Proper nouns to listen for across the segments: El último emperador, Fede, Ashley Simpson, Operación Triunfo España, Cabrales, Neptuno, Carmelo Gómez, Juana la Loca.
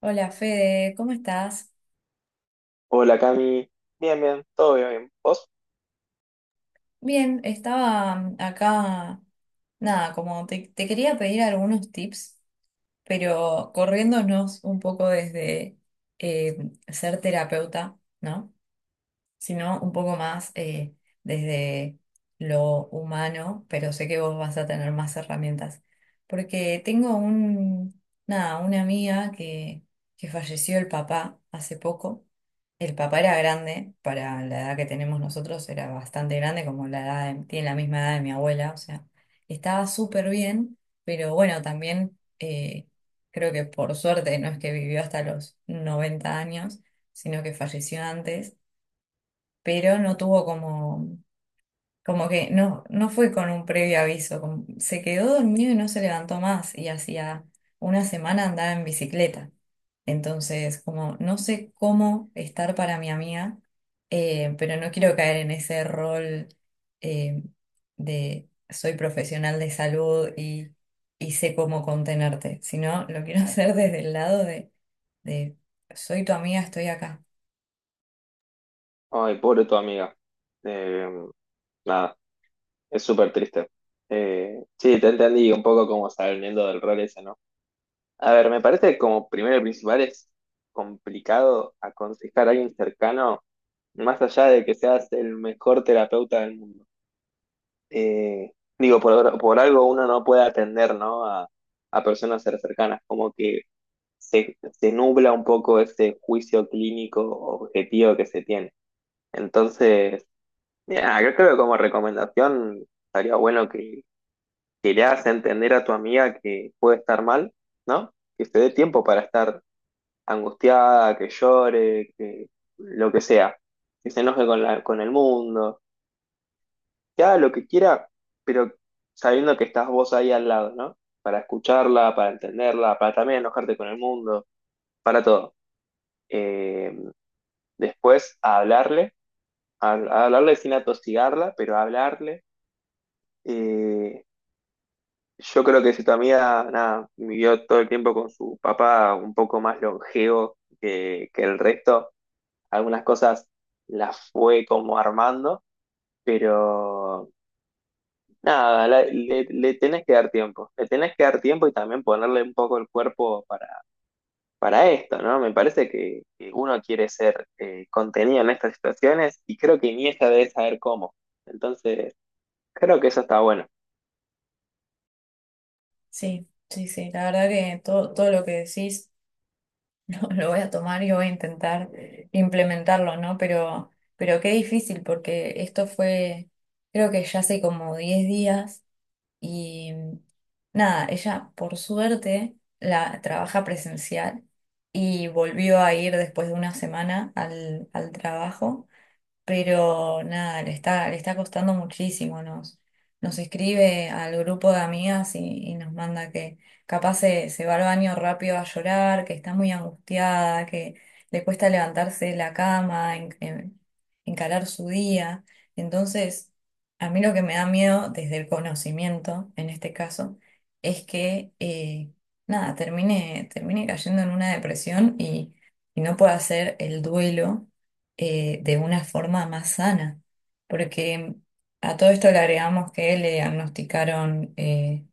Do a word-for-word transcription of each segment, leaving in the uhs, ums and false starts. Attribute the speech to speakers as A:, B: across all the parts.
A: Hola Fede, ¿cómo estás?
B: Hola Cami, bien, bien, todo bien, bien. ¿Vos?
A: Bien, estaba mm, acá, nada, como te, te quería pedir algunos tips, pero corriéndonos un poco desde eh, ser terapeuta, ¿no? Sino un poco más eh, desde lo humano, pero sé que vos vas a tener más herramientas. Porque tengo un, nada, una amiga que, que falleció el papá hace poco. El papá era grande, para la edad que tenemos nosotros era bastante grande, como la edad de- tiene la misma edad de mi abuela, o sea, estaba súper bien, pero bueno, también eh, creo que por suerte no es que vivió hasta los noventa años, sino que falleció antes, pero no tuvo como, como que no, no fue con un previo aviso, como- se quedó dormido y no se levantó más, y hacía una semana andaba en bicicleta. Entonces, como no sé cómo estar para mi amiga, eh, pero no quiero caer en ese rol eh, de soy profesional de salud y, y sé cómo contenerte, sino lo quiero hacer desde el lado de, de soy tu amiga, estoy acá.
B: Ay, pobre tu amiga. Eh, Nada, es súper triste. Eh, sí, te entendí un poco como saliendo del rol ese, ¿no? A ver, me parece que como primero y principal es complicado aconsejar a alguien cercano, más allá de que seas el mejor terapeuta del mundo. Eh, Digo, por, por algo uno no puede atender, ¿no? A, a personas cer- cercanas, como que se, se nubla un poco ese juicio clínico objetivo que se tiene. Entonces, ya, yo creo que como recomendación estaría bueno que, que le hagas entender a tu amiga que puede estar mal, ¿no? Que se dé tiempo para estar angustiada, que llore, que lo que sea, que se enoje con la, con el mundo, que haga lo que quiera, pero sabiendo que estás vos ahí al lado, ¿no? Para escucharla, para entenderla, para también enojarte con el mundo, para todo. Eh, Después, a hablarle, a, a hablarle sin atosigarla, pero a hablarle Eh, yo creo que si tu amiga, nada, vivió todo el tiempo con su papá un poco más longevo que, que el resto, algunas cosas las fue como armando, pero nada, la- le, le tenés que dar tiempo, le tenés que dar tiempo y también ponerle un poco el cuerpo para, para esto, ¿no? Me parece que, que uno quiere ser eh, contenido en estas situaciones y creo que Iniesta debe saber cómo. Entonces, creo que eso está bueno.
A: Sí, sí, sí. La verdad que todo, todo lo que decís lo, lo voy a tomar y voy a intentar implementarlo, ¿no? Pero, pero qué difícil, porque esto fue, creo que ya hace como diez días y nada, ella por suerte la trabaja presencial y volvió a ir después de una semana al, al trabajo, pero nada, le está, le está costando muchísimo. Nos, nos escribe al grupo de amigas y, y nos manda que capaz se, se va al baño rápido a llorar, que está muy angustiada, que le cuesta levantarse de la cama, en- en- encarar su día. Entonces, a mí lo que me da miedo, desde el conocimiento, en este caso, es que eh, nada, termine, termine cayendo en una depresión y, y no pueda hacer el duelo eh, de una forma más sana, porque a todo esto le agregamos que le diagnosticaron eh,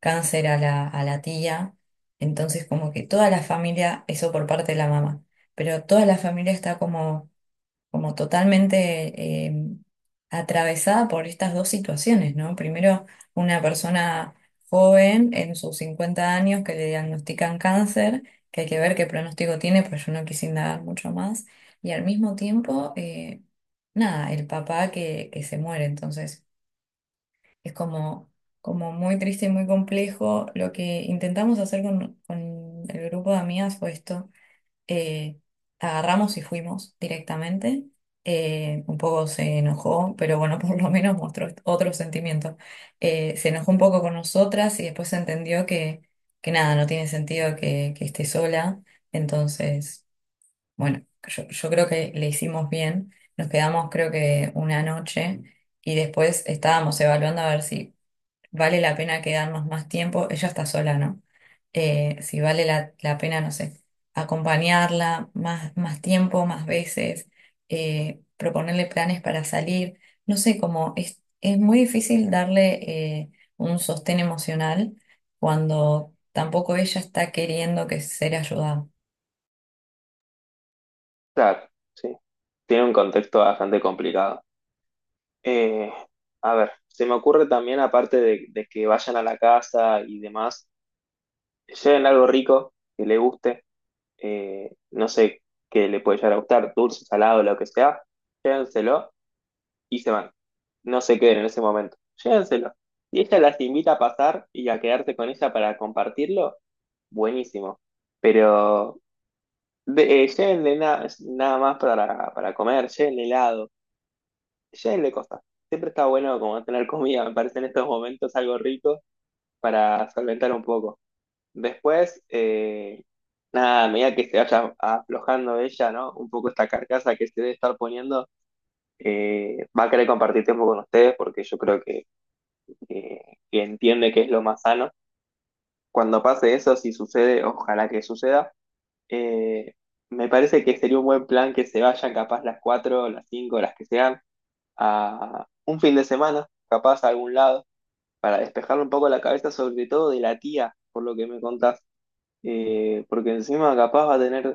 A: cáncer a la, a la tía, entonces como que toda la familia, eso por parte de la mamá, pero toda la familia está como como totalmente eh, atravesada por estas dos situaciones, ¿no? Primero, una persona joven en sus cincuenta años que le diagnostican cáncer, que hay que ver qué pronóstico tiene, pues yo no quise indagar mucho más, y al mismo tiempo, eh, nada, el papá que, que se muere, entonces es como, como muy triste y muy complejo. Lo que intentamos hacer con, con el grupo de amigas fue esto, eh, agarramos y fuimos directamente. Eh, un poco se enojó, pero bueno, por lo menos mostró otro sentimiento. Eh, se enojó un poco con nosotras y después entendió que, que nada, no tiene sentido que, que esté sola. Entonces, bueno, yo, yo creo que le hicimos bien. Nos quedamos creo que una noche y después estábamos evaluando a ver si vale la pena quedarnos más tiempo, ella está sola, ¿no? Eh, si vale la, la pena, no sé, acompañarla más, más tiempo, más veces, eh, proponerle planes para salir, no sé, como es, es muy difícil darle eh, un sostén emocional cuando tampoco ella está queriendo que ser ayudada.
B: Claro, sí, tiene un contexto bastante complicado. Eh, a ver, se me ocurre también, aparte de, de que vayan a la casa y demás, lleven algo rico que le guste, eh, no sé qué le puede llegar a gustar, dulce, salado, lo que sea, llévenselo y se van. No se queden en ese momento, llévenselo. Y ella las invita a pasar y a quedarse con ella para compartirlo, buenísimo. Pero de, eh, llévenle na- nada más para, para comer, llévenle helado le cosas Siempre está bueno como tener comida, me parece en estos momentos algo rico para solventar un poco. Después, eh, nada, a medida que se vaya aflojando ella, ¿no? Un poco esta carcasa que se debe estar poniendo, eh, va a querer compartir tiempo con ustedes porque yo creo que, que- que entiende que es lo más sano. Cuando pase eso, si sucede, ojalá que suceda, eh, me parece que sería un buen plan que se vayan capaz las cuatro las cinco las que sean, a un fin de semana, capaz a algún lado para despejarme un poco la cabeza, sobre todo de la tía, por lo que me contás. Eh, porque encima capaz va a tener,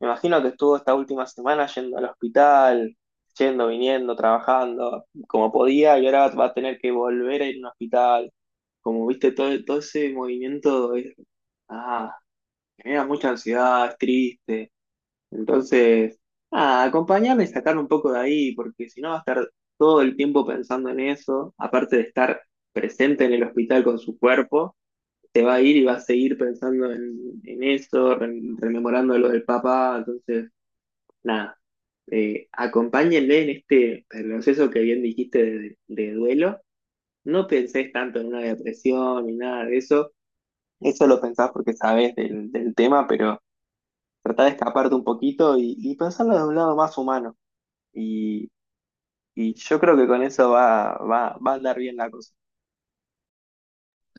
B: me imagino que estuvo esta última semana yendo al hospital, yendo, viniendo, trabajando como podía, y ahora va a tener que volver a ir a un hospital. Como viste, todo, todo ese movimiento es, ah, genera mucha ansiedad, es triste. Entonces, ah, acompañarme y sacar un poco de ahí, porque si no va a estar todo el tiempo pensando en eso, aparte de estar presente en el hospital con su cuerpo se va a ir y va a seguir pensando en, en eso, re- rememorando lo del papá, entonces, nada, eh, acompáñenle en este proceso que bien dijiste de, de duelo, no pensés tanto en una depresión ni nada de eso, eso lo pensás porque sabés del, del tema, pero tratá de escaparte un poquito y, y pensarlo de un lado más humano, y, y yo creo que con eso va, va, va a andar bien la cosa.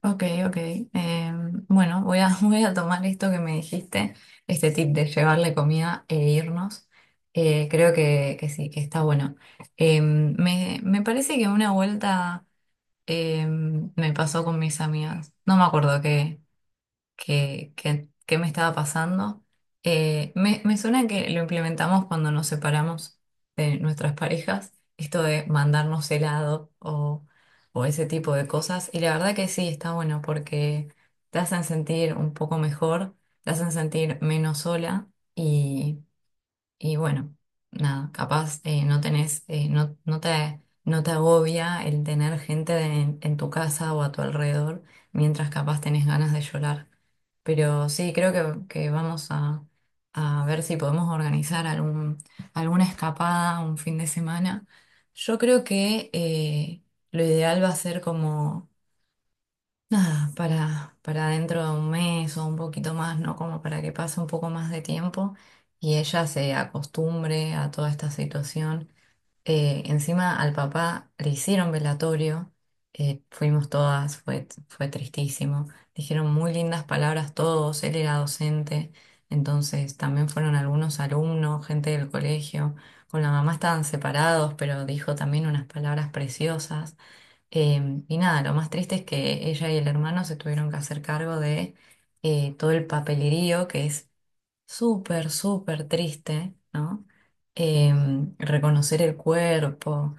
A: Ok, ok. Eh, bueno, voy a, voy a tomar esto que me dijiste, este tip de llevarle comida e irnos. Eh, creo que, que sí, que está bueno. Eh, me, me parece que una vuelta eh, me pasó con mis amigas. No me acuerdo qué que que qué me estaba pasando. Eh, me, me suena que lo implementamos cuando nos separamos de nuestras parejas, esto de mandarnos helado o, o ese tipo de cosas. Y la verdad que sí, está bueno porque te hacen sentir un poco mejor, te hacen sentir menos sola y bueno, nada, capaz eh, no tenés, eh, no, no te, no te agobia el tener gente en, en tu casa o a tu alrededor, mientras capaz tenés ganas de llorar. Pero sí, creo que, que vamos a, a, ver si podemos organizar algún, alguna escapada un fin de semana. Yo creo que eh, lo ideal va a ser como, nada, para, para dentro de un mes o un poquito más, ¿no? Como para que pase un poco más de tiempo y ella se acostumbre a toda esta situación. Eh, encima al papá le hicieron velatorio, eh, fuimos todas, fue, fue tristísimo. Dijeron muy lindas palabras todos, él era docente, entonces también fueron algunos alumnos, gente del colegio. Con la mamá estaban separados, pero dijo también unas palabras preciosas. Em, y nada, lo más triste es que ella y el hermano se tuvieron que hacer cargo de eh, todo el papelerío, que es súper, súper triste, ¿no? Em, reconocer el cuerpo,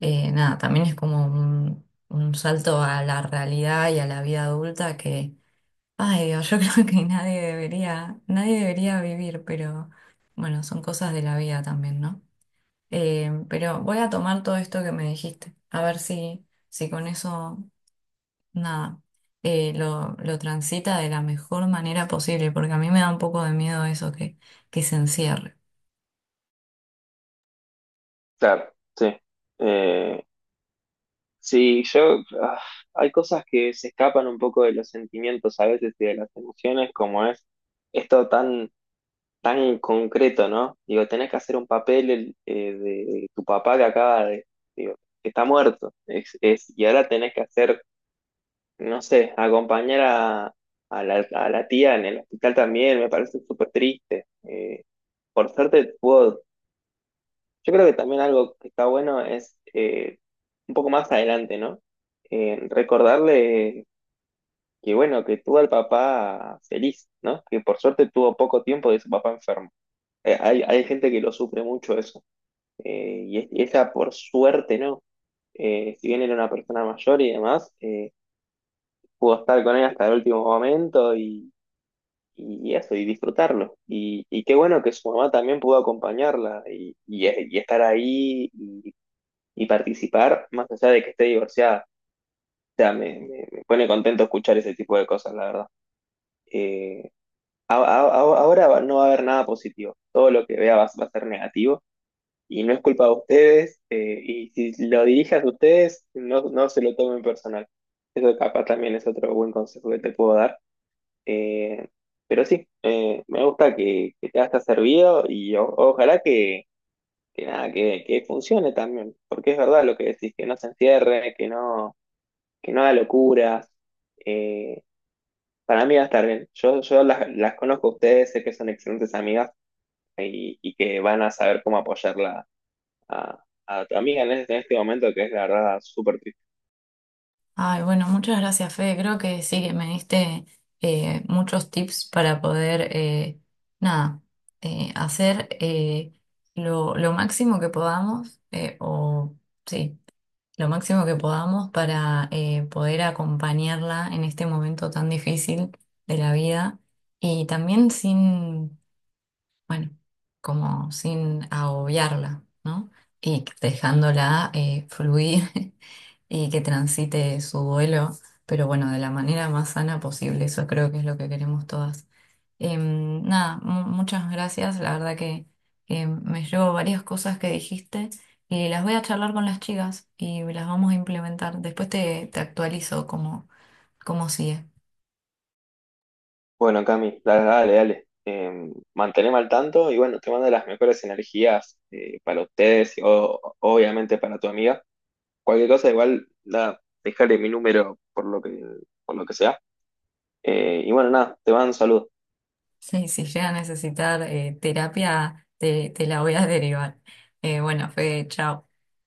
A: eh, nada, también es como un, un salto a la realidad y a la vida adulta que, ay Dios, yo creo que nadie debería, nadie debería vivir, pero bueno, son cosas de la vida también, ¿no? Em, pero voy a tomar todo esto que me dijiste, a ver si... Si con eso nada, eh, lo, lo transita de la mejor manera posible, porque a mí me da un poco de miedo eso que, que se encierre.
B: Claro, sí. Eh, Sí, yo, ah, hay cosas que se escapan un poco de los sentimientos a veces y de las emociones, como es esto tan, tan concreto, ¿no? Digo, tenés que hacer un papel el, eh, de tu papá que acaba de, digo, que está muerto, es, es, y ahora tenés que hacer, no sé, acompañar a, a la, a la tía en el hospital también, me parece súper triste. Eh, por suerte puedo yo creo que también algo que está bueno es eh, un poco más adelante, ¿no? Eh, recordarle que, bueno, que tuvo al papá feliz, ¿no? Que por suerte tuvo poco tiempo de su papá enfermo. Eh, hay, hay gente que lo sufre mucho eso. Eh, y, es- y ella, por suerte, ¿no? Eh, si bien era una persona mayor y demás, eh, pudo estar con él hasta el último momento y, y eso, y disfrutarlo. Y, y qué bueno que su mamá también pudo acompañarla y, y- y estar ahí y participar, más allá de que esté divorciada. O sea, me, me- me pone contento escuchar ese tipo de cosas, la verdad. Eh, a- a- a- Ahora va- no va a haber nada positivo. Todo lo que vea va, va a ser negativo. Y no es culpa de ustedes. Eh, y si lo dirigen ustedes, no, no se lo tomen personal. Eso capaz también es otro buen consejo que te puedo dar. Eh, pero sí, eh, me gusta que, que te haya servido y o- ojalá que, que nada, que, que funcione también. Porque es verdad lo que decís, que no se encierre, que no que no haga locuras. eh, para mí va a estar bien. Yo, yo las, las conozco a ustedes, sé que son excelentes amigas eh, y, y que van a saber cómo apoyarla a, a tu amiga en este, en este momento, que es la verdad súper triste.
A: Ay, bueno, muchas gracias, Fede. Creo que sí que me diste eh, muchos tips para poder, eh, nada, eh, hacer eh, lo, lo máximo que podamos, eh, o sí, lo máximo que podamos para eh, poder acompañarla en este momento tan difícil de la vida y también sin Bueno, como sin agobiarla, ¿no? Y dejándola eh, fluir y que transite su duelo, pero bueno, de la manera más sana posible, eso creo que es lo que queremos todas. Em, nada, mu- muchas gracias, la verdad que que me llevo varias cosas que dijiste y las voy a charlar con las chicas y las vamos a implementar. Después te, te actualizo cómo, cómo, sigue.
B: Bueno, Cami, dale, dale, dale. Eh, manteneme al tanto y bueno, te mando las mejores energías eh, para ustedes y o- obviamente para tu amiga. Cualquier cosa, igual, nada, dejarle mi número por lo que, por lo que sea. Eh, y bueno, nada, te mando un saludo.
A: Sí, si llega a necesitar eh, terapia, te, te la voy a derivar. Eh, bueno, Fede, chao.